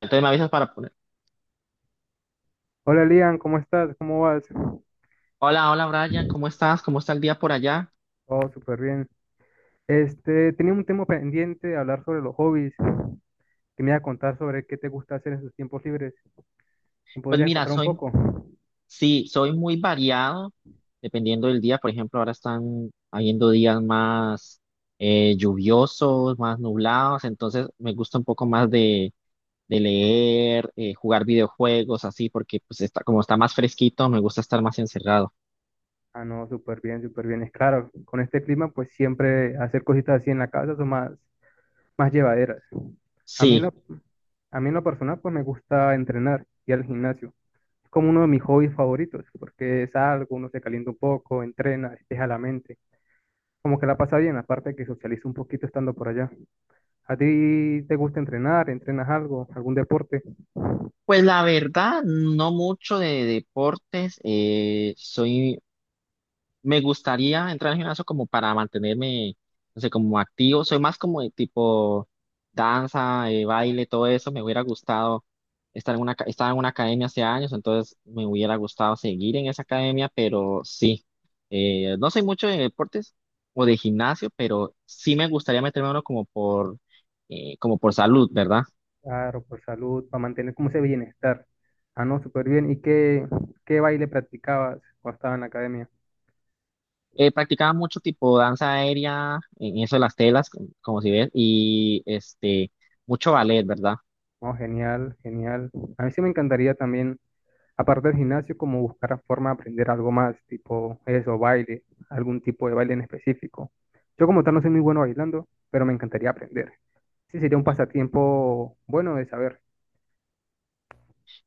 Entonces me avisas para poner. Hola Lian, ¿cómo estás? ¿Cómo vas? Hola, hola Brian, ¿cómo estás? ¿Cómo está el día por allá? Oh, súper bien. Tenía un tema pendiente de hablar sobre los hobbies, que me iba a contar sobre qué te gusta hacer en tus tiempos libres. ¿Me Pues podrías mira, contar un poco? sí, soy muy variado dependiendo del día. Por ejemplo, ahora están habiendo días más lluviosos, más nublados. Entonces me gusta un poco más de leer, jugar videojuegos, así, porque como está más fresquito, me gusta estar más encerrado. Ah, no, súper bien, súper bien. Es claro, con este clima, pues siempre hacer cositas así en la casa son más llevaderas. A mí en Sí, lo, a mí en lo personal, pues me gusta entrenar y al gimnasio. Es como uno de mis hobbies favoritos, porque es algo uno se calienta un poco, entrena, despeja la mente. Como que la pasa bien, aparte que socializa un poquito estando por allá. ¿A ti te gusta entrenar? ¿Entrenas algo? ¿Algún deporte? pues la verdad, no mucho de deportes. Soy Me gustaría entrar al gimnasio como para mantenerme, no sé, como activo. Soy más como de tipo danza, baile, todo eso. Me hubiera gustado estar en estaba en una academia hace años, entonces me hubiera gustado seguir en esa academia, pero sí. No soy mucho de deportes o de gimnasio, pero sí me gustaría meterme a uno como por salud, ¿verdad? Claro, por salud, para mantener como ese bienestar. Ah, no, súper bien. ¿Qué baile practicabas cuando estabas en la academia? Practicaba mucho tipo danza aérea, en eso de las telas, como, como si ves, y este, mucho ballet, ¿verdad? Oh, genial, genial. A mí sí me encantaría también, aparte del gimnasio, como buscar la forma de aprender algo más, tipo eso, baile, algún tipo de baile en específico. Yo como tal no soy muy bueno bailando, pero me encantaría aprender. Sí, sería un pasatiempo bueno de saber.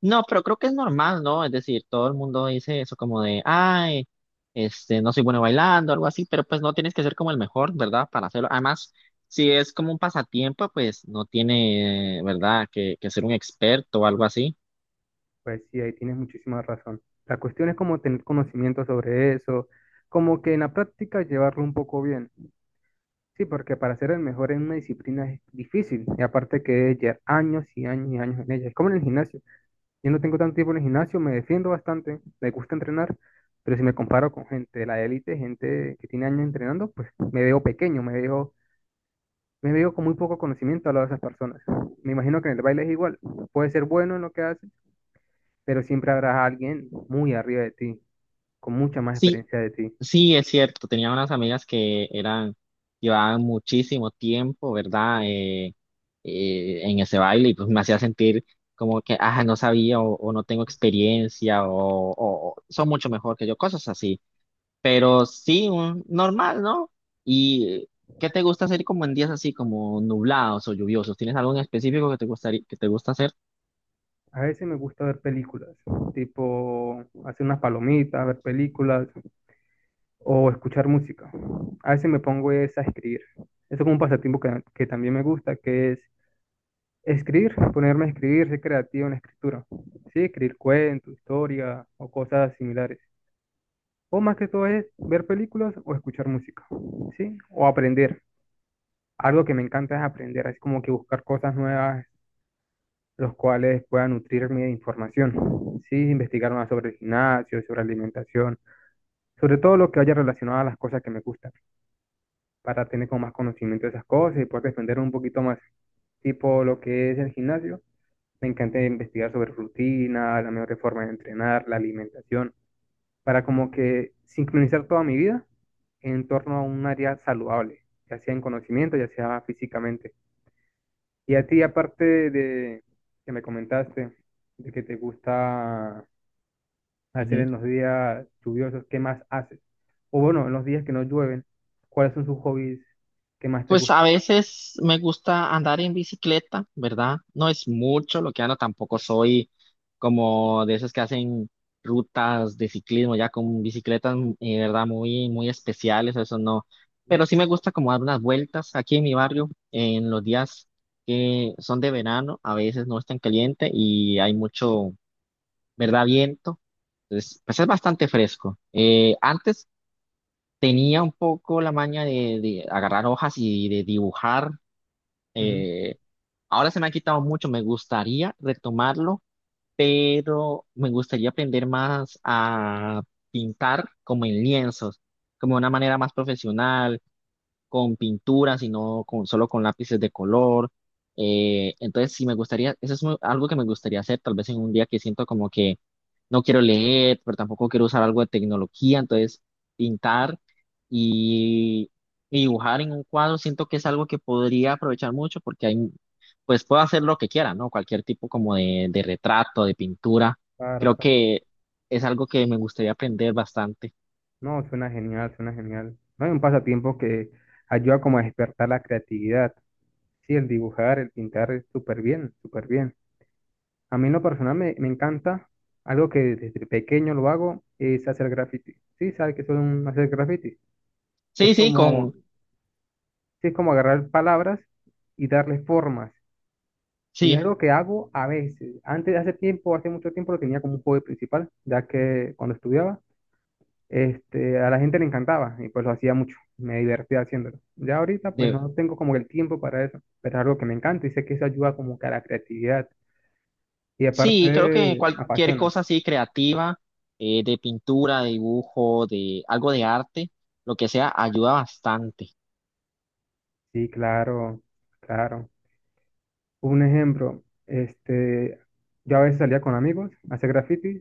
No, pero creo que es normal, ¿no? Es decir, todo el mundo dice eso como de, ay, este, no soy bueno bailando, algo así, pero pues no tienes que ser como el mejor, ¿verdad? Para hacerlo. Además, si es como un pasatiempo, pues no tiene, ¿verdad? Que ser un experto o algo así. Pues sí, ahí tienes muchísima razón. La cuestión es como tener conocimiento sobre eso, como que en la práctica llevarlo un poco bien. Sí, porque para ser el mejor en una disciplina es difícil, y aparte que es llevar años y años y años en ella. Es como en el gimnasio. Yo no tengo tanto tiempo en el gimnasio, me defiendo bastante, me gusta entrenar, pero si me comparo con gente de la élite, gente que tiene años entrenando, pues me veo pequeño, me veo con muy poco conocimiento a lado de esas personas. Me imagino que en el baile es igual. Puede ser bueno en lo que hace, pero siempre habrá alguien muy arriba de ti, con mucha más Sí, experiencia de ti. sí, es cierto. Tenía unas amigas que eran, llevaban muchísimo tiempo, ¿verdad? En ese baile y pues me hacía sentir como que, ah, no sabía o no tengo experiencia o son mucho mejor que yo, cosas así. Pero sí, un normal, ¿no? ¿Y qué te gusta hacer como en días así, como nublados o lluviosos? ¿Tienes algo en específico que te gustaría, que te gusta hacer? A veces me gusta ver películas, tipo hacer unas palomitas, ver películas o escuchar música. A veces me pongo es a escribir. Eso es como un pasatiempo que también me gusta, que es escribir, ponerme a escribir, ser creativo en la escritura. Sí, escribir cuentos, historias o cosas similares. O más que todo es ver películas o escuchar música, ¿sí? O aprender. Algo que me encanta es aprender, es como que buscar cosas nuevas los cuales puedan nutrirme de información. Sí, investigar más sobre el gimnasio, sobre alimentación, sobre todo lo que haya relacionado a las cosas que me gustan, para tener como más conocimiento de esas cosas y poder defender un poquito más. Tipo lo que es el gimnasio, me encanta investigar sobre rutina, la mejor forma de entrenar, la alimentación, para como que sincronizar toda mi vida en torno a un área saludable, ya sea en conocimiento, ya sea físicamente. Y a ti, aparte de que me comentaste, de que te gusta hacer en los días lluviosos, ¿qué más haces? O bueno, en los días que no llueven, ¿cuáles son sus hobbies que más te Pues gusta a hacer? veces me gusta andar en bicicleta, ¿verdad? No es mucho lo que ando, tampoco soy como de esos que hacen rutas de ciclismo ya con bicicletas, ¿verdad? Muy, muy especiales, eso no. ¿No? Pero sí me gusta como dar unas vueltas aquí en mi barrio en los días que son de verano, a veces no es tan caliente y hay mucho, ¿verdad? Viento. Entonces, pues es bastante fresco. Antes tenía un poco la maña de agarrar hojas y de dibujar Ujú. eh, ahora se me ha quitado mucho, me gustaría retomarlo, pero me gustaría aprender más a pintar como en lienzos, como de una manera más profesional, con pinturas y no con, solo con lápices de color. Entonces, sí me gustaría, eso es algo que me gustaría hacer, tal vez en un día que siento como que no quiero leer, pero tampoco quiero usar algo de tecnología, entonces pintar y, y dibujar en un cuadro siento que es algo que podría aprovechar mucho porque hay, pues puedo hacer lo que quiera, ¿no? Cualquier tipo como de retrato, de pintura, Claro, creo claro. que es algo que me gustaría aprender bastante. No, suena genial, suena genial. No hay un pasatiempo que ayuda como a despertar la creatividad. Sí, el dibujar, el pintar es súper bien, súper bien. A mí en lo personal me encanta, algo que desde pequeño lo hago, es hacer graffiti. Sí, ¿sabes qué son hacer graffiti? Es Sí, sí, como, sí, es como agarrar palabras y darle formas. Y es sí, algo que hago a veces. Antes, hace tiempo, hace mucho tiempo lo tenía como un hobby principal, ya que cuando estudiaba, a la gente le encantaba y pues lo hacía mucho. Me divertía haciéndolo. Ya ahorita pues de, no tengo como el tiempo para eso, pero es algo que me encanta y sé que eso ayuda como que a la creatividad y sí, creo que aparte cualquier apasiona. cosa así creativa, de pintura, de dibujo, de algo de arte, lo que sea, ayuda bastante. Sí, claro, claro. Un ejemplo, yo a veces salía con amigos a hacer graffiti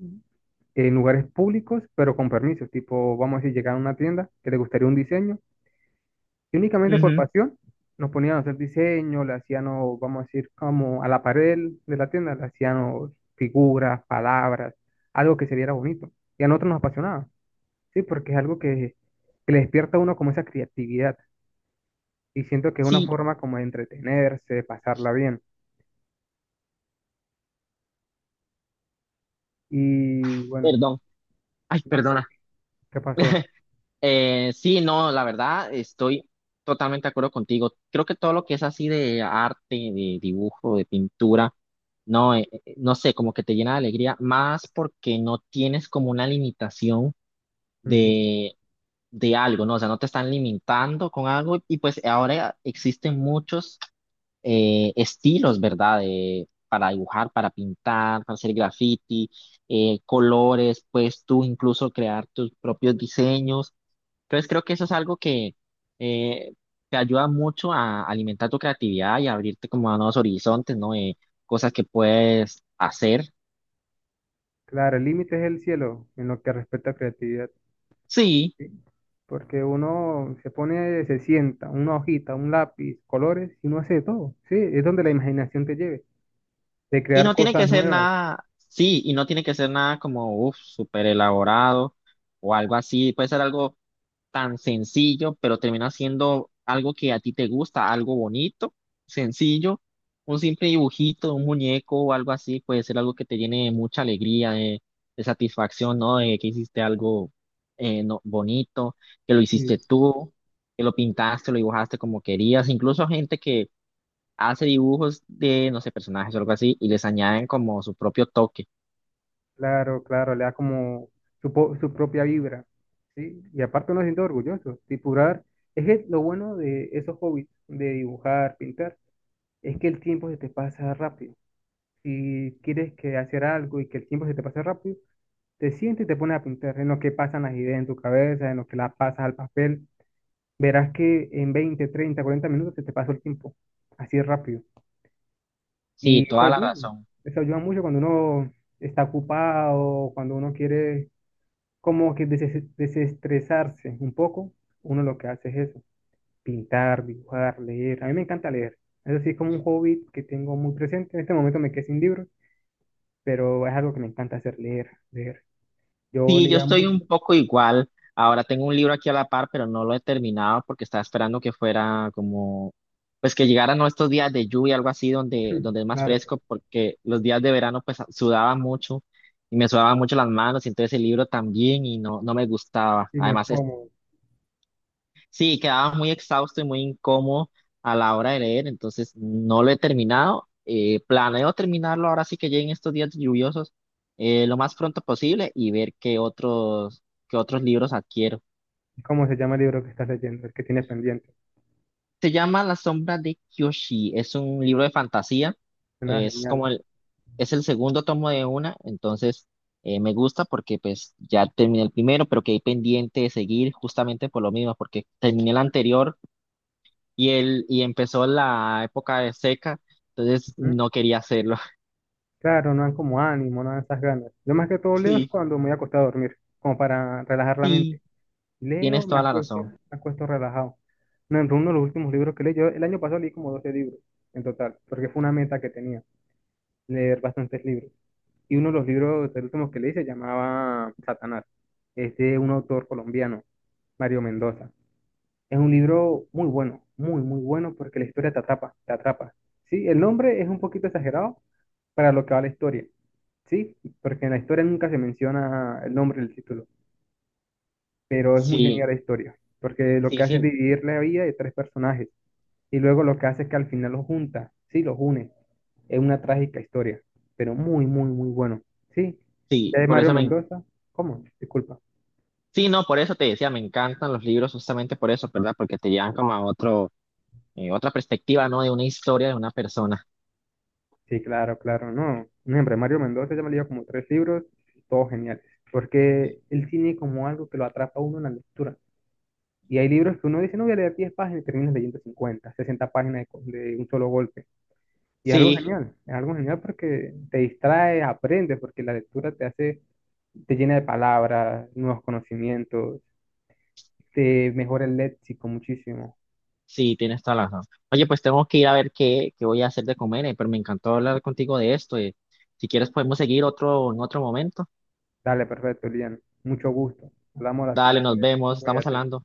en lugares públicos, pero con permisos. Tipo, vamos a decir, llegar a una tienda que le gustaría un diseño y únicamente por Ujú. pasión nos ponían a hacer diseño, le hacíamos, vamos a decir, como a la pared de la tienda, le hacíamos figuras, palabras, algo que se viera bonito. Y a nosotros nos apasionaba, sí, porque es algo que le despierta a uno como esa creatividad. Y siento que es una Sí, forma como de entretenerse, de pasarla bien. Y bueno, perdón, ay, no. perdona. ¿Qué pasó? Sí, no, la verdad, estoy totalmente de acuerdo contigo. Creo que todo lo que es así de arte, de dibujo, de pintura, no, no sé, como que te llena de alegría, más porque no tienes como una limitación Ujú. de, de algo, ¿no? O sea, no te están limitando con algo y pues ahora existen muchos. Estilos, ¿verdad? De- para dibujar, para pintar, para hacer graffiti, colores, pues tú incluso crear tus propios diseños. Entonces creo que eso es algo que eh, te ayuda mucho a alimentar tu creatividad y a abrirte como a nuevos horizontes, ¿no? Cosas que puedes hacer. Claro, el límite es el cielo en lo que respecta a creatividad, Sí. ¿sí? Porque uno se pone, se sienta, una hojita, un lápiz, colores, y uno hace de todo, ¿sí? Es donde la imaginación te lleve, de Y crear no tiene cosas que ser nuevas. nada, sí, y no tiene que ser nada como, uff, súper elaborado o algo así. Puede ser algo tan sencillo, pero termina siendo algo que a ti te gusta, algo bonito, sencillo. Un simple dibujito, un muñeco o algo así puede ser algo que te llene de mucha alegría, de satisfacción, ¿no? De que hiciste algo bonito, que lo hiciste Y tú que lo pintaste, lo dibujaste como querías, incluso gente que hace dibujos de, no sé, personajes o algo así y les añaden como su propio toque. claro, claro, le da como su, su propia vibra, ¿sí? Y aparte uno se siente orgulloso, dibujar. Es que lo bueno de esos hobbies, de dibujar, pintar, es que el tiempo se te pasa rápido. Si quieres que hacer algo y que el tiempo se te pase rápido, te sientes y te pones a pintar, en lo que pasan las ideas en tu cabeza, en lo que las pasas al papel, verás que en 20, 30, 40 minutos se te pasó el tiempo, así de rápido. Sí, Y toda la razón. eso ayuda mucho cuando uno está ocupado, cuando uno quiere como que desestresarse un poco, uno lo que hace es eso, pintar, dibujar, leer. A mí me encanta leer. Eso sí es como un hobby que tengo muy presente. En este momento me quedé sin libros, pero es algo que me encanta hacer, leer, leer. Yo Sí, yo leía estoy un mucho, poco igual. Ahora tengo un libro aquí a la par, pero no lo he terminado porque estaba esperando que fuera como, pues que llegaran ¿no? estos días de lluvia, algo así, donde, donde es más claro. fresco, porque los días de verano pues sudaba mucho y me sudaban mucho las manos, y entonces el libro también y no, no me gustaba. Y no es Además, cómodo. sí, quedaba muy exhausto y muy incómodo a la hora de leer, entonces no lo he terminado. Planeo terminarlo ahora sí que lleguen estos días lluviosos lo más pronto posible y ver qué otros libros adquiero. ¿Cómo se llama el libro que estás leyendo? El que tienes pendiente. Se llama La sombra de Kyoshi, es un libro de fantasía, Suena es como genial. el, es el segundo tomo de una, entonces me gusta porque pues ya terminé el primero, pero quedé pendiente de seguir justamente por lo mismo, porque terminé el anterior y empezó la época de seca, entonces Ujú. no quería hacerlo. Claro, no dan como ánimo, no dan esas ganas. Yo más que todo leo es Sí, cuando me voy a acostar a dormir, como para relajar la sí, mente. Leo, tienes toda la razón. me acuesto relajado. No, entre uno de los últimos libros que leí, yo el año pasado leí como 12 libros en total, porque fue una meta que tenía, leer bastantes libros. Y uno de los libros, el último que leí, se llamaba Satanás. Es de un autor colombiano, Mario Mendoza. Es un libro muy bueno, muy, muy bueno porque la historia te atrapa, te atrapa. Sí, el nombre es un poquito exagerado para lo que va la historia, sí, porque en la historia nunca se menciona el nombre del título, pero es muy Sí, genial la historia, porque lo sí, que hace es sí, dividir la vida de tres personajes y luego lo que hace es que al final los junta, sí, los une. Es una trágica historia, pero muy, muy, muy bueno. Sí, ya sí, de por Mario eso me, Mendoza, ¿cómo? Disculpa. sí, no, por eso te decía, me encantan los libros justamente por eso, ¿verdad? Porque te llevan como a otro, otra perspectiva, ¿no? De una historia de una persona. Sí, claro, claro, no. Un ejemplo, Mario Mendoza ya me leyó como tres libros, todos geniales. Porque el cine como algo que lo atrapa a uno en la lectura. Y hay libros que uno dice, no voy a leer 10 páginas y terminas leyendo 50, 60 páginas de, de un solo golpe. Y Sí, es algo genial porque te distrae, aprendes, porque la lectura te hace, te llena de palabras, nuevos conocimientos, te mejora el léxico muchísimo. sí, tienes toda la razón. Oye, pues tengo que ir a ver qué voy a hacer de comer, pero me encantó hablar contigo de esto. Eh. Si quieres podemos seguir otro en otro momento. Dale, perfecto, Lian. Mucho gusto. Hablamos a la Dale, siguiente nos vez. vemos, estamos Cuídate. hablando.